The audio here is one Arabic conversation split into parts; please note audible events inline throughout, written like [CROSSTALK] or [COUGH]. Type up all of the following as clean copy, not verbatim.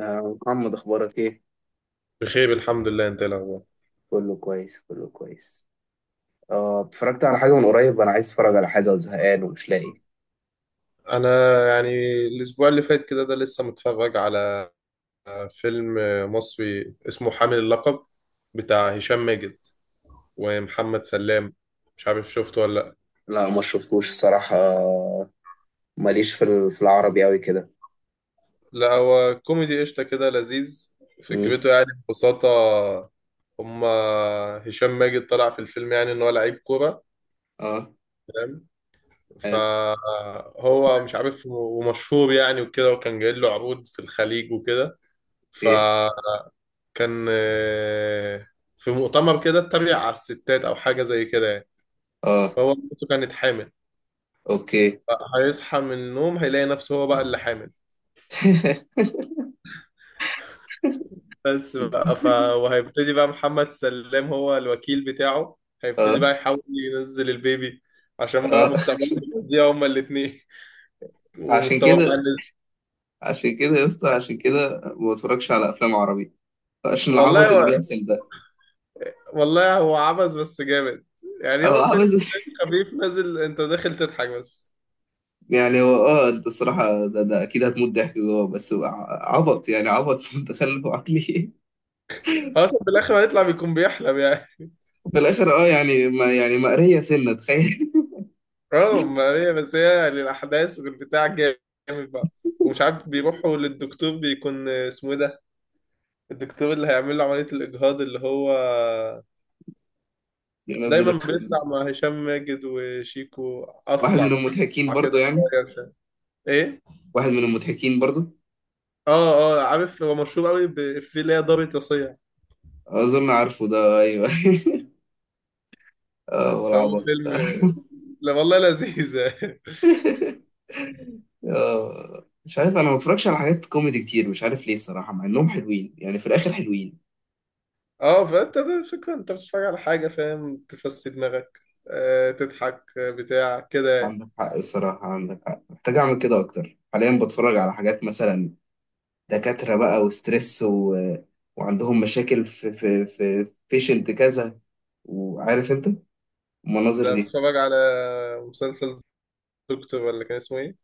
محمد، اخبارك ايه؟ بخير الحمد لله. انت ايه الاخبار؟ كله كويس، كله كويس. اتفرجت على حاجه من قريب، انا عايز اتفرج على حاجه وزهقان ومش لاقي. انا يعني الاسبوع اللي فات كده ده لسه متفرج على فيلم مصري اسمه حامل اللقب، بتاع هشام ماجد ومحمد سلام. مش عارف شفته ولا لا. لا، ما شفتوش صراحه. ماليش في العربي قوي كده. لا هو كوميدي قشطه كده، لذيذ. امم فكرته يعني ببساطه، هما هشام ماجد طلع في الفيلم يعني ان هو لعيب كوره، اه. تمام. حلو. فهو مش عارف ومشهور يعني وكده، وكان جاي له عروض في الخليج وكده. ف اوكي. كان في مؤتمر كده اتريق على الستات او حاجه زي كده يعني. اه. فهو مراته كانت حامل. اوكي. هيصحى من النوم هيلاقي نفسه هو بقى اللي حامل. [LAUGHS] بس بقى ف... وهيبتدي بقى محمد سلام، هو الوكيل بتاعه، هيبتدي اه، بقى يحاول ينزل البيبي عشان بقى اه، مستقبلهم يضيع هما الاتنين. [LAUGHS] عشان ومستواه بقى كده، نزل. عشان كده يا اسطى، عشان كده ما بتفرجش على افلام عربي. عشان والله العبط اللي هو- بيحصل ده. والله هو عبث بس جامد. يعني هو اه، عبث. فيلم [LAUGHS] خفيف نازل، انت داخل تضحك بس. يعني هو، انت الصراحه، ده اكيد هتموت ضحك جوه، بس هو عبط، يعني عبط. [LAUGHS] متخلف عقلي. هو اصلا في الاخر هيطلع بيكون بيحلم يعني. في الاخر، يعني ما يعني مقريه سنه، تخيل. [LAUGHS] اه ما هي بس هي للأحداث والبتاع جامد بقى. ومش عارف بيروحوا للدكتور، بيكون اسمه ايه ده، الدكتور اللي هيعمل له عملية الإجهاض، اللي هو ينزل دايما الك- بيطلع مع هشام ماجد وشيكو، واحد من أصلع المضحكين كده برضو يعني. شوية، مش عارف. ايه واحد من المضحكين برضو. اه عارف. هو مشهور قوي بإفيه اللي هي دار رصيع. اظن عارفه ده، ايوه. [LAUGHS] اه، بس هو والعبط. فيلم، لا والله لذيذة. [LAUGHS] اه، مش عارف، انا ما بتفرجش على حاجات كوميدي كتير، مش عارف ليه الصراحه، مع انهم حلوين يعني، في الاخر حلوين. [LAUGHS] اه، فانت ده الفكرة، انت بتتفرج على حاجة فاهم تفسي دماغك، آه تضحك، بتاع كده يعني. عندك حق الصراحه، عندك حق، محتاج اعمل كده اكتر. حاليا بتفرج على حاجات مثلا دكاتره بقى وستريس، و... وعندهم مشاكل في بيشنت كذا، وعارف انت المناظر ده دي. بتفرج على مسلسل دكتور ولا كان اسمه ايه؟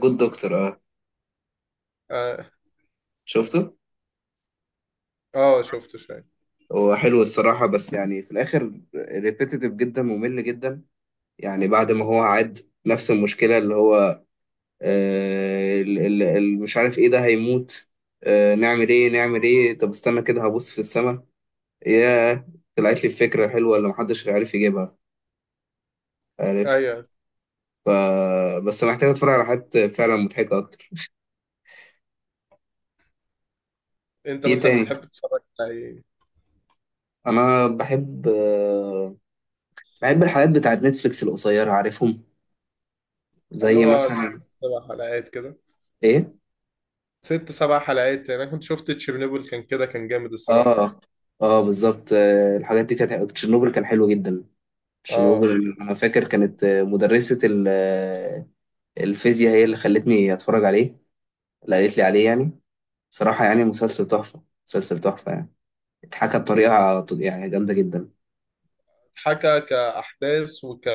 جود دكتور، اه. اه. شفته. آه شفته شوية. هو حلو الصراحة، بس يعني في الآخر ريبيتيتيف جدا، ممل جدا. يعني بعد ما هو عاد نفس المشكلة اللي هو مش عارف ايه ده، هيموت. نعمل ايه، نعمل ايه، طب استنى كده هبص في السماء. ياه، طلعت لي الفكرة حلوة اللي محدش عارف يجيبها. عارف؟ ايوه. ف بس محتاج اتفرج على حاجات فعلا مضحكة أكتر. انت في إيه مثلا تاني؟ بتحب تتفرج على ايه؟ أنا بحب الحاجات بتاعت نتفليكس القصيرة. عارفهم؟ اللي زي هو ست مثلا. سبع حلقات كده. ايه. ست سبع حلقات، يعني انا كنت شفت تشيرنوبل، كان كده كان جامد الصراحة. اه، اه، بالظبط. الحاجات دي، كانت تشيرنوبل كان حلو جدا. اه تشيرنوبل، انا فاكر كانت مدرسة الفيزياء هي اللي خلتني اتفرج عليه، اللي قالت لي عليه يعني. صراحة يعني مسلسل تحفة، مسلسل تحفة يعني. اتحكى بطريقة يعني جامدة جدا. حكى كأحداث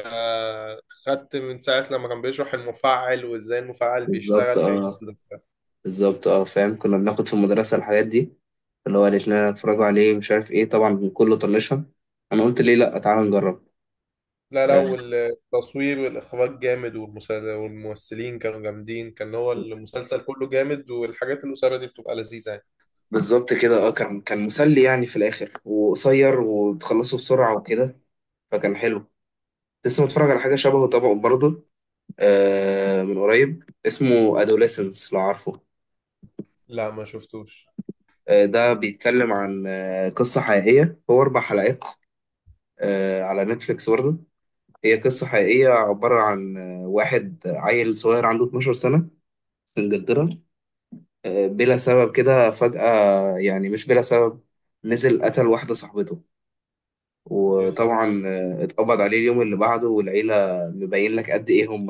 خدت من ساعة لما كان بيشرح المفاعل وازاي المفاعل بالظبط، بيشتغل، كان اه. جامد. بالظبط، اه، فاهم. كنا بناخد في المدرسة الحاجات دي، اللي هو قالت لنا اتفرجوا عليه، مش عارف ايه. طبعا كله طنشها، انا قلت ليه لا، تعالى نجرب. لا لا، والتصوير والإخراج جامد، والممثلين كانوا جامدين، كان هو المسلسل كله جامد. والحاجات القصيرة دي بتبقى لذيذة يعني. بالظبط كده، اه. كان مسلي يعني في الاخر، وقصير وتخلصه بسرعة وكده. فكان حلو. كنت لسه متفرج على حاجة شبهه طبعا برضه، من قريب، اسمه أدوليسنس، لو عارفه. لا ما شفتوش. ده بيتكلم عن قصة حقيقية، هو أربع حلقات، على نتفليكس برضه. هي قصة حقيقية، عبارة عن واحد عيل صغير عنده 12 سنة في إنجلترا. بلا سبب كده فجأة، يعني مش بلا سبب، نزل قتل واحدة صاحبته. يا ساتر. وطبعا اتقبض عليه اليوم اللي بعده، والعيلة مبين لك قد إيه هم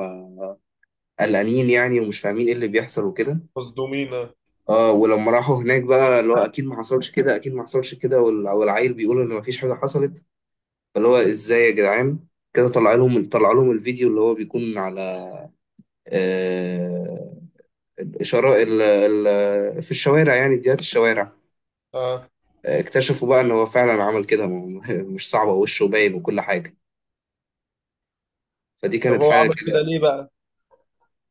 قلقانين يعني، ومش فاهمين إيه اللي بيحصل وكده. مصدومينا اه. اه، ولما راحوا هناك بقى اللي هو اكيد ما حصلش كده، اكيد ما حصلش كده، والعيل بيقول ان ما فيش حاجه حصلت. فاللي هو ازاي يا جدعان؟ كده طلع لهم الفيديو اللي هو بيكون على، آه الاشاره، ال في الشوارع، يعني فيديوهات الشوارع. آه. اكتشفوا بقى ان هو فعلا عمل كده، ما [LAUGHS] مش صعبه، وشه باين وكل حاجه. فدي طب كانت هو حاجه عمل كده كده. ليه بقى؟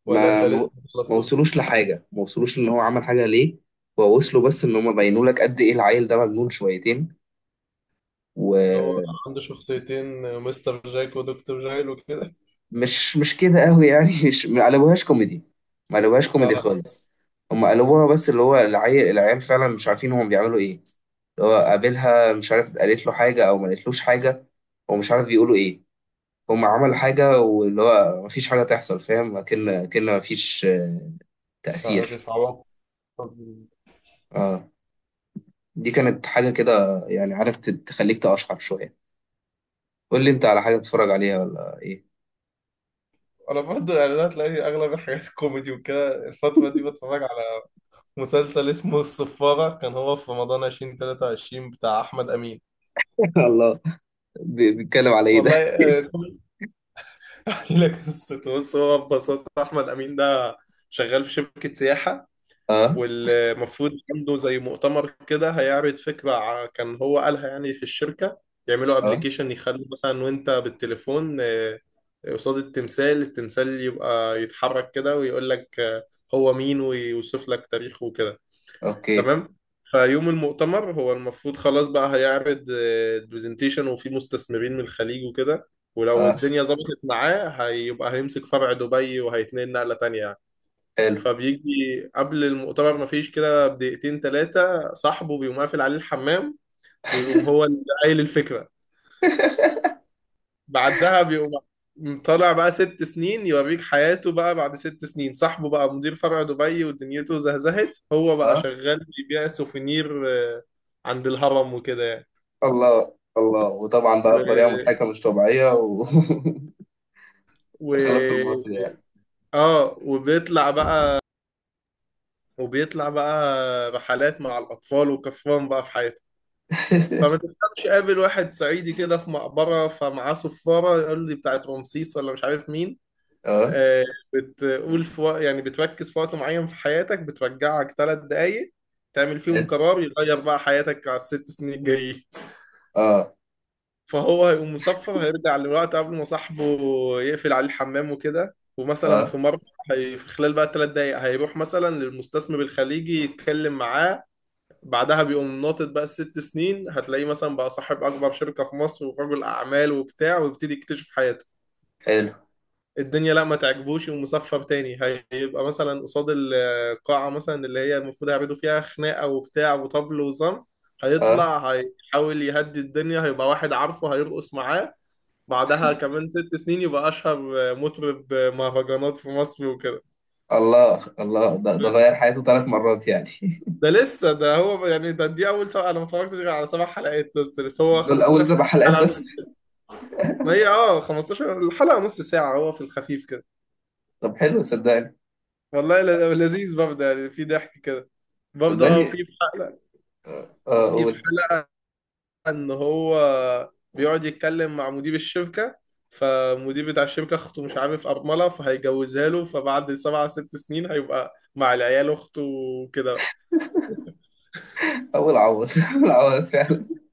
ولا انت ما ما لسه ما خلصته؟ وصلوش لحاجه، ما وصلوش ان هو عمل حاجه ليه. هو وصلوا بس ان هم بينوا لك قد ايه العيل ده مجنون شويتين. اللي هو و عنده شخصيتين، مستر جاك ودكتور جايل وكده. مش كده قوي يعني. [LAUGHS] مش، ما قلبوهاش كوميدي، ما قلبوهاش كوميدي اه خالص. هم قلبوها، بس اللي هو العيال، العيال فعلا مش عارفين هم بيعملوا ايه. اللي هو قابلها مش عارف قالت له حاجة او ما قالتلوش حاجة، هو مش عارف بيقولوا ايه. هم عملوا حاجة واللي هو مفيش حاجة تحصل، فاهم، اكن كأن مفيش مش تأثير. عارف عوض. دي كانت حاجة كده يعني، عارف، تخليك تقشعر شوية. قول لي انت على حاجة بتتفرج عليها ولا ايه؟ انا برضه يعني انا تلاقي اغلب الحاجات الكوميدي وكده الفترة دي بتفرج على مسلسل اسمه الصفارة، كان هو في رمضان 2023 بتاع أحمد أمين. [LAUGHS] الله. بيتكلم على ايه والله ده؟ [LAUGHS] [LAUGHS] اقول لك قصته. بص، هو ببساطه احمد امين ده شغال في شركه سياحه، اه، والمفروض عنده زي مؤتمر كده هيعرض فكره. كان هو قالها يعني في الشركه، يعملوا اه، ابلكيشن يخلوا مثلا وانت بالتليفون قصاد التمثال يبقى يتحرك كده ويقول لك هو مين، ويوصف لك تاريخه وكده، اوكي، تمام. فيوم المؤتمر هو المفروض خلاص بقى هيعرض برزنتيشن، وفي مستثمرين من الخليج وكده، ولو اه، الدنيا ظبطت معاه هيبقى هيمسك فرع دبي وهيتنقل نقلة تانية يعني. حلو، فبيجي قبل المؤتمر مفيش كده بدقيقتين تلاتة، صاحبه بيقوم قافل عليه الحمام ويقوم هو اللي قايل الفكرة. بعدها بيقوم طالع بقى ست سنين يوريك حياته بقى، بعد ست سنين صاحبه بقى مدير فرع دبي ودنيته زهزهت، هو بقى اه. شغال بيبيع سوفينير آه، عند الهرم وكده يعني. الله، الله، وطبعا و... بقى بطريقه مضحكه مش طبيعيه وتخلف. و... [LAUGHS] المصري يعني. اه وبيطلع بقى، وبيطلع بقى رحلات مع الأطفال وكفران بقى في حياته، فما تفهمش. قابل واحد صعيدي كده في مقبرة فمعاه صفارة يقول لي بتاعت رمسيس ولا مش عارف مين. [LAUGHS] اه، آه، بتقول يعني بتركز في وقت معين في حياتك، بترجعك ثلاث دقايق تعمل فيهم قرار يغير بقى حياتك على الست سنين الجايين. اه، فهو هيقوم مصفر هيرجع للوقت قبل ما صاحبه يقفل عليه الحمام وكده. ومثلا اه، في مرة في خلال بقى الثلاث دقايق هيروح مثلا للمستثمر الخليجي يتكلم معاه، بعدها بيقوم ناطط بقى الست سنين، هتلاقيه مثلا بقى صاحب أكبر شركة في مصر ورجل أعمال وبتاع، ويبتدي يكتشف حياته. حلو، الدنيا لا ما تعجبوش ومصفى تاني. هيبقى مثلا قصاد القاعة مثلا اللي هي المفروض هيعملوا فيها خناقة وبتاع وطبل وزم، اه. هيطلع هيحاول يهدي الدنيا، هيبقى واحد عارفه هيرقص معاه. بعدها كمان ست سنين يبقى أشهر مطرب مهرجانات في مصر وكده. الله، الله، ده بس غير حياته ثلاث مرات يعني. [LAUGHS] ده لسه. ده هو يعني، دي أول سبعة، أنا ما اتفرجتش غير على سبع حلقات بس هو دول اول 15 سبع حلقات حلقة نص بس؟ ساعة. ما هي اه 15 الحلقة نص ساعة، هو في الخفيف كده. طب حلو، صدقني، والله لذيذ برضه يعني، في ضحك كده برضه. اه صدقني، في في حلقة اه، في في قول. حلقة ان هو بيقعد يتكلم مع مدير الشركة، فمدير بتاع الشركة اخته مش عارف ارملة فهيجوزها له، فبعد سبع ست سنين هيبقى مع العيال اخته وكده. اول عوض، [LAUGHS] اول عوض فعلا.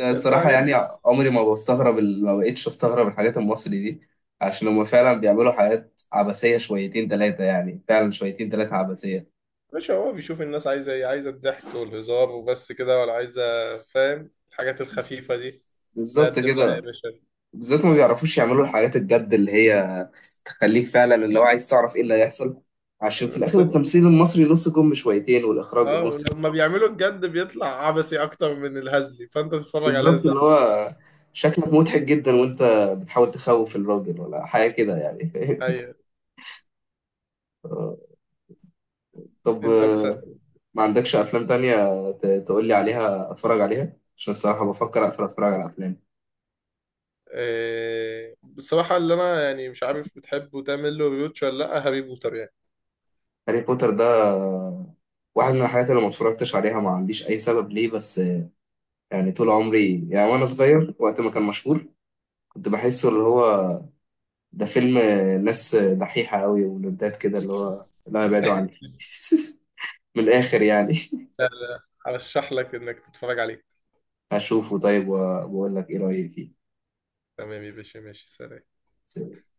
بس الصراحه حاجات. يعني، عمري ما بستغرب ما بقتش استغرب الحاجات المصري دي. عشان هم فعلا بيعملوا حاجات عبثيه شويتين ثلاثه، يعني فعلا شويتين ثلاثه عبثيه. مش هو بيشوف الناس عايزة ايه؟ عايزة الضحك والهزار وبس كده؟ ولا عايزة، فاهم، الحاجات الخفيفة دي بالظبط نقدم لها يا كده. باشا. بالذات ما بيعرفوش يعملوا الحاجات الجد، اللي هي تخليك فعلا اللي هو عايز تعرف ايه اللي هيحصل. عشان في الاخر بتبقى- التمثيل المصري نص كم شويتين، والاخراج اه والنص. ولما بيعملوا الجد بيطلع عبثي اكتر من الهزلي، فانت تتفرج على بالظبط، الهزل. اللي هو شكلك مضحك جدا وانت بتحاول تخوف الراجل ولا حاجه كده يعني. [LAUGHS] فاهم؟ ايوه. طب، انت مثلا ما عندكش افلام تانية تقول لي عليها، اتفرج عليها عشان الصراحه بفكر اقفل، اتفرج على افلام. بصراحه اللي انا يعني مش عارف بتحبه تعمل له ريوتش ولا لا، هاري بوتر يعني. هاري بوتر ده، آه، واحد من الحاجات اللي ما اتفرجتش عليها. ما عنديش اي سبب ليه، بس يعني طول عمري يعني وانا صغير، وقت ما كان مشهور، كنت بحسه اللي هو ده فيلم ناس دحيحة قوي، ولدات كده اللي هو لا، يبعدوا عني. [LAUGHS] من الآخر يعني. لا لا، هرشح لك انك تتفرج عليه. [LAUGHS] هشوفه طيب وبقول لك ايه رأيي تمام يا باشا، ماشي، سلام. فيه.